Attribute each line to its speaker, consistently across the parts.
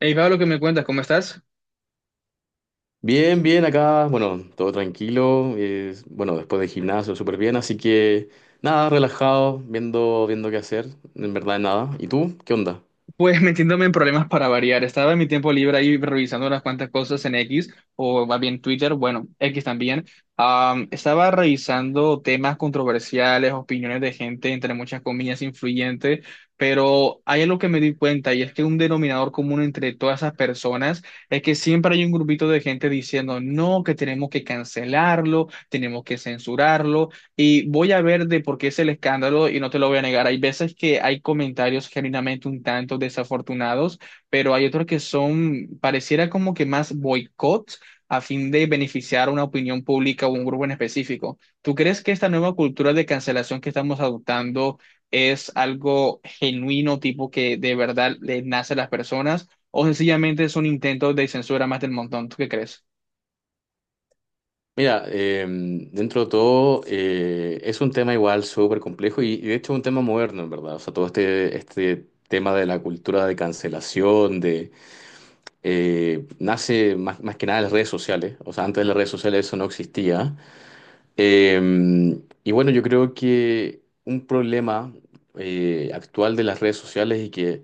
Speaker 1: Hey, Pablo, ¿qué me cuentas? ¿Cómo estás?
Speaker 2: Bien, bien, acá, bueno, todo tranquilo, bueno, después de gimnasio, súper bien, así que nada, relajado, viendo qué hacer, en verdad nada. ¿Y tú? ¿Qué onda?
Speaker 1: Pues metiéndome en problemas para variar. Estaba en mi tiempo libre ahí revisando unas cuantas cosas en X, o más bien Twitter, bueno, X también. Estaba revisando temas controversiales, opiniones de gente, entre muchas comillas, influyente, pero hay algo que me di cuenta, y es que un denominador común entre todas esas personas es que siempre hay un grupito de gente diciendo, no, que tenemos que cancelarlo, tenemos que censurarlo. Y voy a ver de por qué es el escándalo, y no te lo voy a negar. Hay veces que hay comentarios genuinamente un tanto desafortunados, pero hay otros que son, pareciera como que más boicots a fin de beneficiar a una opinión pública o un grupo en específico. ¿Tú crees que esta nueva cultura de cancelación que estamos adoptando es algo genuino, tipo que de verdad le nace a las personas, o sencillamente es un intento de censura más del montón? ¿Tú qué crees?
Speaker 2: Mira, dentro de todo, es un tema igual súper complejo y de hecho es un tema moderno, en verdad, o sea, todo este tema de la cultura de cancelación, de, nace más que nada en las redes sociales, o sea, antes de las redes sociales eso no existía. Y bueno, yo creo que un problema actual de las redes sociales y que,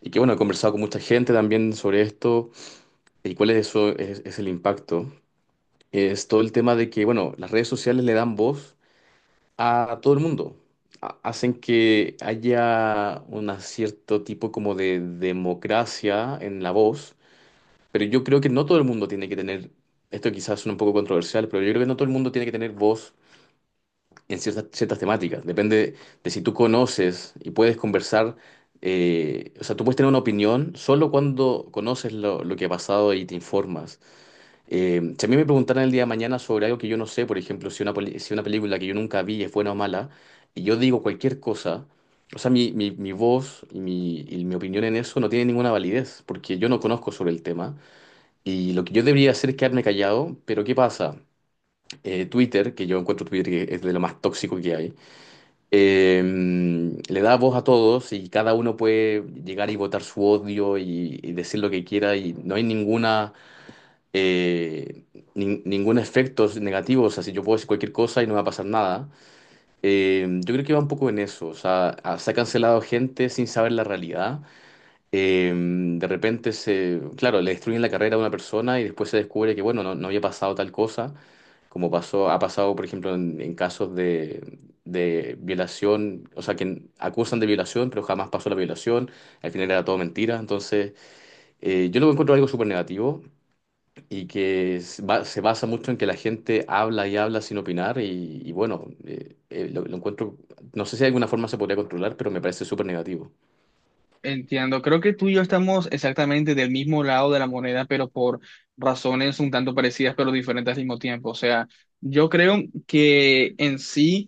Speaker 2: y que, bueno, he conversado con mucha gente también sobre esto y cuál es, es el impacto, es todo el tema de que, bueno, las redes sociales le dan voz a todo el mundo. Hacen que haya un cierto tipo como de democracia en la voz, pero yo creo que no todo el mundo tiene que tener, esto quizás suena un poco controversial, pero yo creo que no todo el mundo tiene que tener voz en ciertas temáticas. Depende de si tú conoces y puedes conversar. O sea, tú puedes tener una opinión solo cuando conoces lo que ha pasado y te informas. Si a mí me preguntaran el día de mañana sobre algo que yo no sé, por ejemplo, si si una película que yo nunca vi es buena o mala, y yo digo cualquier cosa, o sea, mi voz y mi opinión en eso no tiene ninguna validez, porque yo no conozco sobre el tema. Y lo que yo debería hacer es quedarme callado, pero ¿qué pasa? Twitter, que yo encuentro Twitter que es de lo más tóxico que hay, le da voz a todos y cada uno puede llegar y votar su odio y decir lo que quiera y no hay eh, ningún efecto negativo, o sea, si yo puedo decir cualquier cosa y no va a pasar nada. Yo creo que va un poco en eso, o sea, se ha cancelado gente sin saber la realidad. De repente claro, le destruyen la carrera a una persona y después se descubre que, bueno, no había pasado tal cosa, como ha pasado, por ejemplo, en casos de violación, o sea, que acusan de violación, pero jamás pasó la violación, al final era todo mentira. Entonces, yo lo encuentro algo súper negativo y que se basa mucho en que la gente habla y habla sin opinar y bueno, lo encuentro, no sé si de alguna forma se podría controlar, pero me parece súper negativo.
Speaker 1: Entiendo, creo que tú y yo estamos exactamente del mismo lado de la moneda, pero por razones un tanto parecidas, pero diferentes al mismo tiempo. O sea, yo creo que en sí...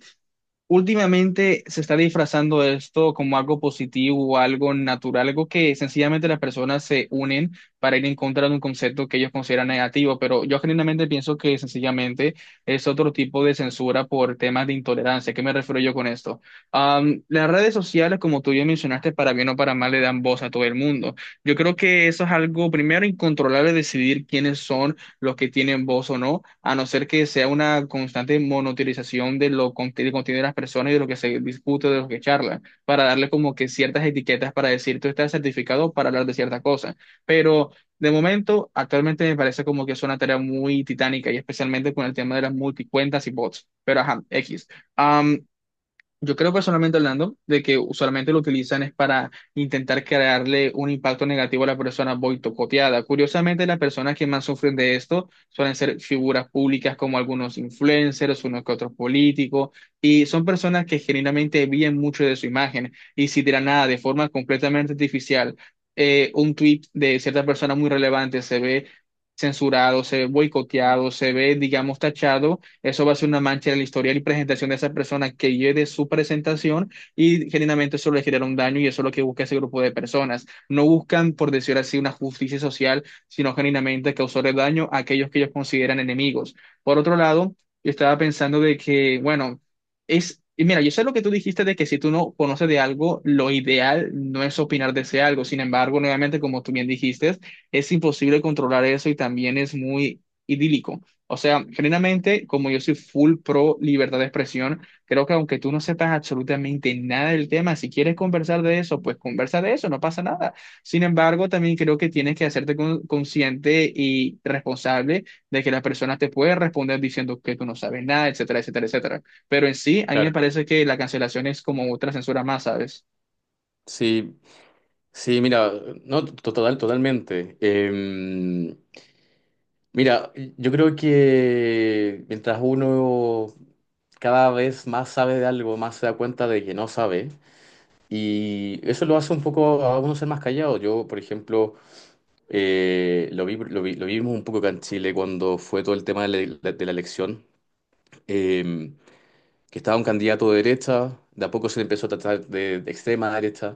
Speaker 1: Últimamente se está disfrazando esto como algo positivo, algo natural, algo que sencillamente las personas se unen para ir en contra de un concepto que ellos consideran negativo, pero yo genuinamente pienso que sencillamente es otro tipo de censura por temas de intolerancia. ¿Qué me refiero yo con esto? Las redes sociales, como tú ya mencionaste, para bien o para mal, le dan voz a todo el mundo. Yo creo que eso es algo primero incontrolable, decidir quiénes son los que tienen voz o no, a no ser que sea una constante monotilización de lo del contenido de las personas y de lo que se discute, de lo que charla, para darle como que ciertas etiquetas para decir tú estás certificado para hablar de cierta cosa. Pero de momento, actualmente me parece como que es una tarea muy titánica y especialmente con el tema de las multicuentas y bots. Pero ajá, X. Yo creo personalmente hablando de que usualmente lo utilizan es para intentar crearle un impacto negativo a la persona boicoteada. Curiosamente, las personas que más sufren de esto suelen ser figuras públicas como algunos influencers, unos que otros políticos, y son personas que genuinamente viven mucho de su imagen. Y si de la nada, de forma completamente artificial, un tweet de cierta persona muy relevante se ve censurado, se ve boicoteado, se ve, digamos, tachado, eso va a ser una mancha en el historial y presentación de esa persona que lleve su presentación, y genuinamente eso le genera un daño, y eso es lo que busca ese grupo de personas. No buscan, por decir así, una justicia social, sino genuinamente causarle daño a aquellos que ellos consideran enemigos. Por otro lado, yo estaba pensando de que, bueno, es... Y mira, yo sé lo que tú dijiste de que si tú no conoces de algo, lo ideal no es opinar de ese algo. Sin embargo, nuevamente, como tú bien dijiste, es imposible controlar eso, y también es muy idílico. O sea, generalmente, como yo soy full pro libertad de expresión, creo que aunque tú no sepas absolutamente nada del tema, si quieres conversar de eso, pues conversa de eso, no pasa nada. Sin embargo, también creo que tienes que hacerte consciente y responsable de que la persona te puede responder diciendo que tú no sabes nada, etcétera, etcétera, etcétera. Pero en sí, a mí me
Speaker 2: Claro.
Speaker 1: parece que la cancelación es como otra censura más, ¿sabes?
Speaker 2: Sí, sí, mira, no, total, totalmente. Mira, yo creo que mientras uno cada vez más sabe de algo, más se da cuenta de que no sabe, y eso lo hace un poco a uno ser más callado. Yo, por ejemplo, lo vimos un poco acá en Chile cuando fue todo el tema de de la elección, eh, que estaba un candidato de derecha, de a poco se le empezó a tratar de extrema derecha,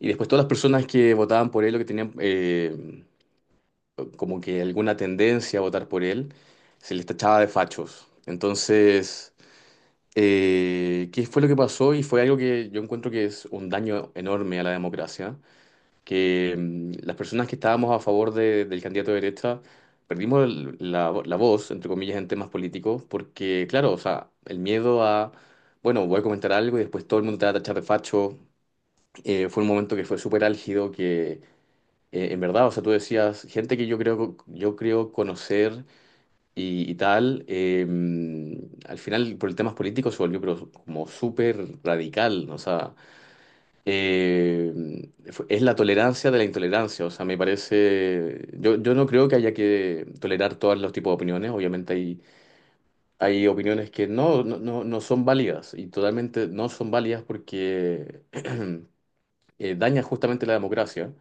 Speaker 2: y después todas las personas que votaban por él, o que tenían... como que alguna tendencia a votar por él, se les tachaba de fachos. Entonces, ¿qué fue lo que pasó? Y fue algo que yo encuentro que es un daño enorme a la democracia, que las personas que estábamos a favor del candidato de derecha perdimos la voz, entre comillas, en temas políticos, porque, claro, o sea, el miedo a, bueno, voy a comentar algo y después todo el mundo te va a tachar de facho. Fue un momento que fue súper álgido, que... En verdad, o sea, tú decías, gente que yo creo conocer y tal. Al final, por el temas políticos, se volvió pero como súper radical. ¿No? O sea, es la tolerancia de la intolerancia. O sea, me parece. Yo no creo que haya que tolerar todos los tipos de opiniones. Obviamente, hay opiniones que no son válidas y totalmente no son válidas porque dañan justamente la democracia.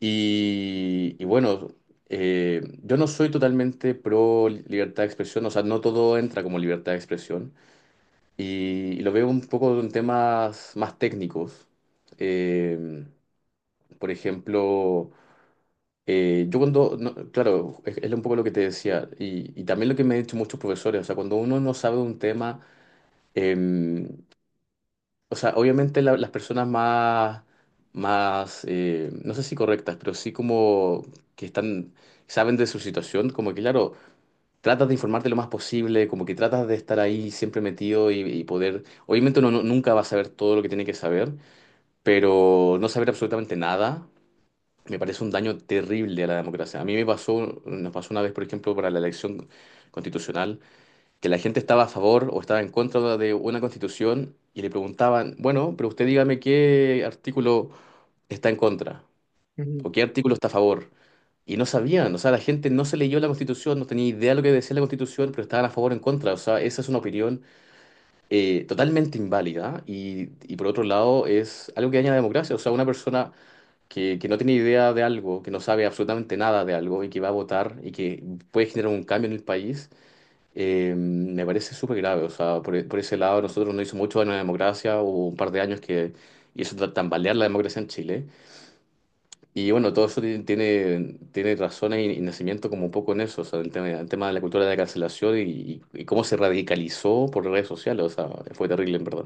Speaker 2: Y bueno, yo no soy totalmente pro libertad de expresión, o sea, no todo entra como libertad de expresión. Y lo veo un poco en temas más técnicos. Eh, por ejemplo, yo cuando, no, claro, es un poco lo que te decía, y también lo que me han dicho muchos profesores, o sea, cuando uno no sabe un tema, em, o sea, obviamente las personas más, más no sé si correctas, pero sí como que están, saben de su situación, como que claro, tratas de informarte lo más posible, como que tratas de estar ahí siempre metido y poder, obviamente uno nunca va a saber todo lo que tiene que saber, pero no saber absolutamente nada me parece un daño terrible a la democracia. A mí me pasó, nos pasó una vez, por ejemplo, para la elección constitucional que la gente estaba a favor o estaba en contra de una constitución y le preguntaban, bueno, pero usted dígame qué artículo está en contra o qué artículo está a favor. Y no sabían, o sea, la gente no se leyó la Constitución, no tenía idea de lo que decía la Constitución, pero estaban a favor o en contra. O sea, esa es una opinión totalmente inválida y por otro lado es algo que daña la democracia. O sea, una persona que no tiene idea de algo, que no sabe absolutamente nada de algo y que va a votar y que puede generar un cambio en el país, me parece súper grave, o sea, por ese lado nosotros no hizo mucho daño a la democracia, hubo un par de años que hizo tambalear la democracia en Chile. Y bueno, todo eso tiene razones y nacimiento como un poco en eso, o sea, el tema de la cultura de la cancelación y cómo se radicalizó por redes sociales, o sea, fue terrible en verdad.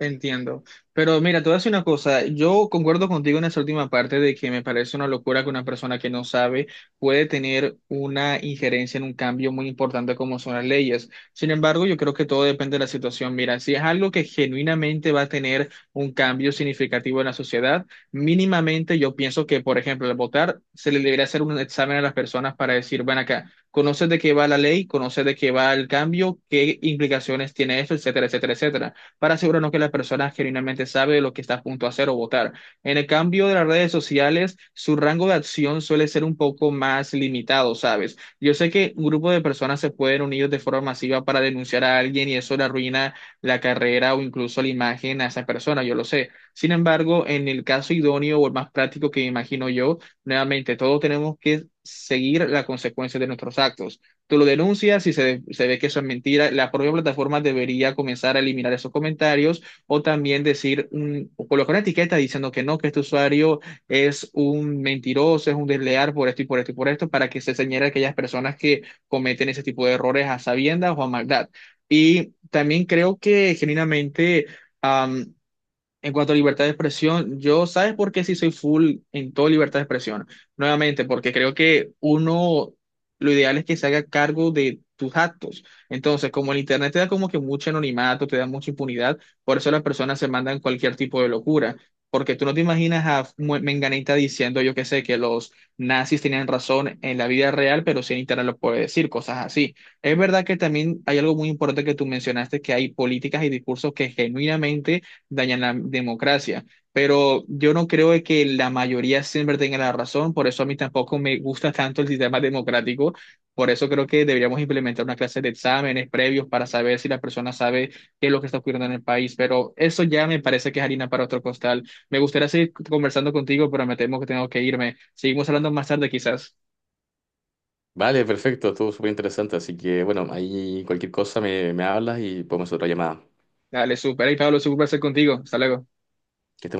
Speaker 1: Entiendo. Pero mira, te voy a decir una cosa. Yo concuerdo contigo en esa última parte de que me parece una locura que una persona que no sabe puede tener una injerencia en un cambio muy importante como son las leyes. Sin embargo, yo creo que todo depende de la situación. Mira, si es algo que genuinamente va a tener un cambio significativo en la sociedad, mínimamente yo pienso que, por ejemplo, al votar se le debería hacer un examen a las personas para decir, ven acá. ¿Conoces de qué va la ley? ¿Conoces de qué va el cambio? ¿Qué implicaciones tiene esto? Etcétera, etcétera, etcétera, para asegurarnos que la persona genuinamente sabe lo que está a punto de hacer o votar. En el cambio de las redes sociales, su rango de acción suele ser un poco más limitado, ¿sabes? Yo sé que un grupo de personas se pueden unir de forma masiva para denunciar a alguien y eso le arruina la carrera o incluso la imagen a esa persona, yo lo sé. Sin embargo, en el caso idóneo o el más práctico que me imagino yo, nuevamente, todos tenemos que seguir las consecuencias de nuestros actos. Tú lo denuncias y se ve que eso es mentira. La propia plataforma debería comenzar a eliminar esos comentarios o también decir, un, o colocar una etiqueta diciendo que no, que este usuario es un mentiroso, es un desleal por esto y por esto y por esto, para que se señale a aquellas personas que cometen ese tipo de errores a sabiendas o a maldad. Y también creo que genuinamente... am, en cuanto a libertad de expresión, yo, ¿sabes por qué sí soy full en todo libertad de expresión? Nuevamente, porque creo que uno, lo ideal es que se haga cargo de tus actos. Entonces, como el Internet te da como que mucho anonimato, te da mucha impunidad, por eso las personas se mandan cualquier tipo de locura. Porque tú no te imaginas a Menganita diciendo, yo qué sé, que los nazis tenían razón en la vida real, pero sí en Internet lo puede decir, cosas así. Es verdad que también hay algo muy importante que tú mencionaste, que hay políticas y discursos que genuinamente dañan la democracia. Pero yo no creo de que la mayoría siempre tenga la razón, por eso a mí tampoco me gusta tanto el sistema democrático, por eso creo que deberíamos implementar una clase de exámenes previos para saber si la persona sabe qué es lo que está ocurriendo en el país, pero eso ya me parece que es harina para otro costal. Me gustaría seguir conversando contigo, pero me temo que tengo que irme. Seguimos hablando más tarde quizás.
Speaker 2: Vale, perfecto, estuvo súper interesante, así que bueno, ahí cualquier cosa me hablas y podemos hacer otra llamada.
Speaker 1: Dale, súper. Hey, Pablo, súper conversar contigo. Hasta luego.
Speaker 2: Que estés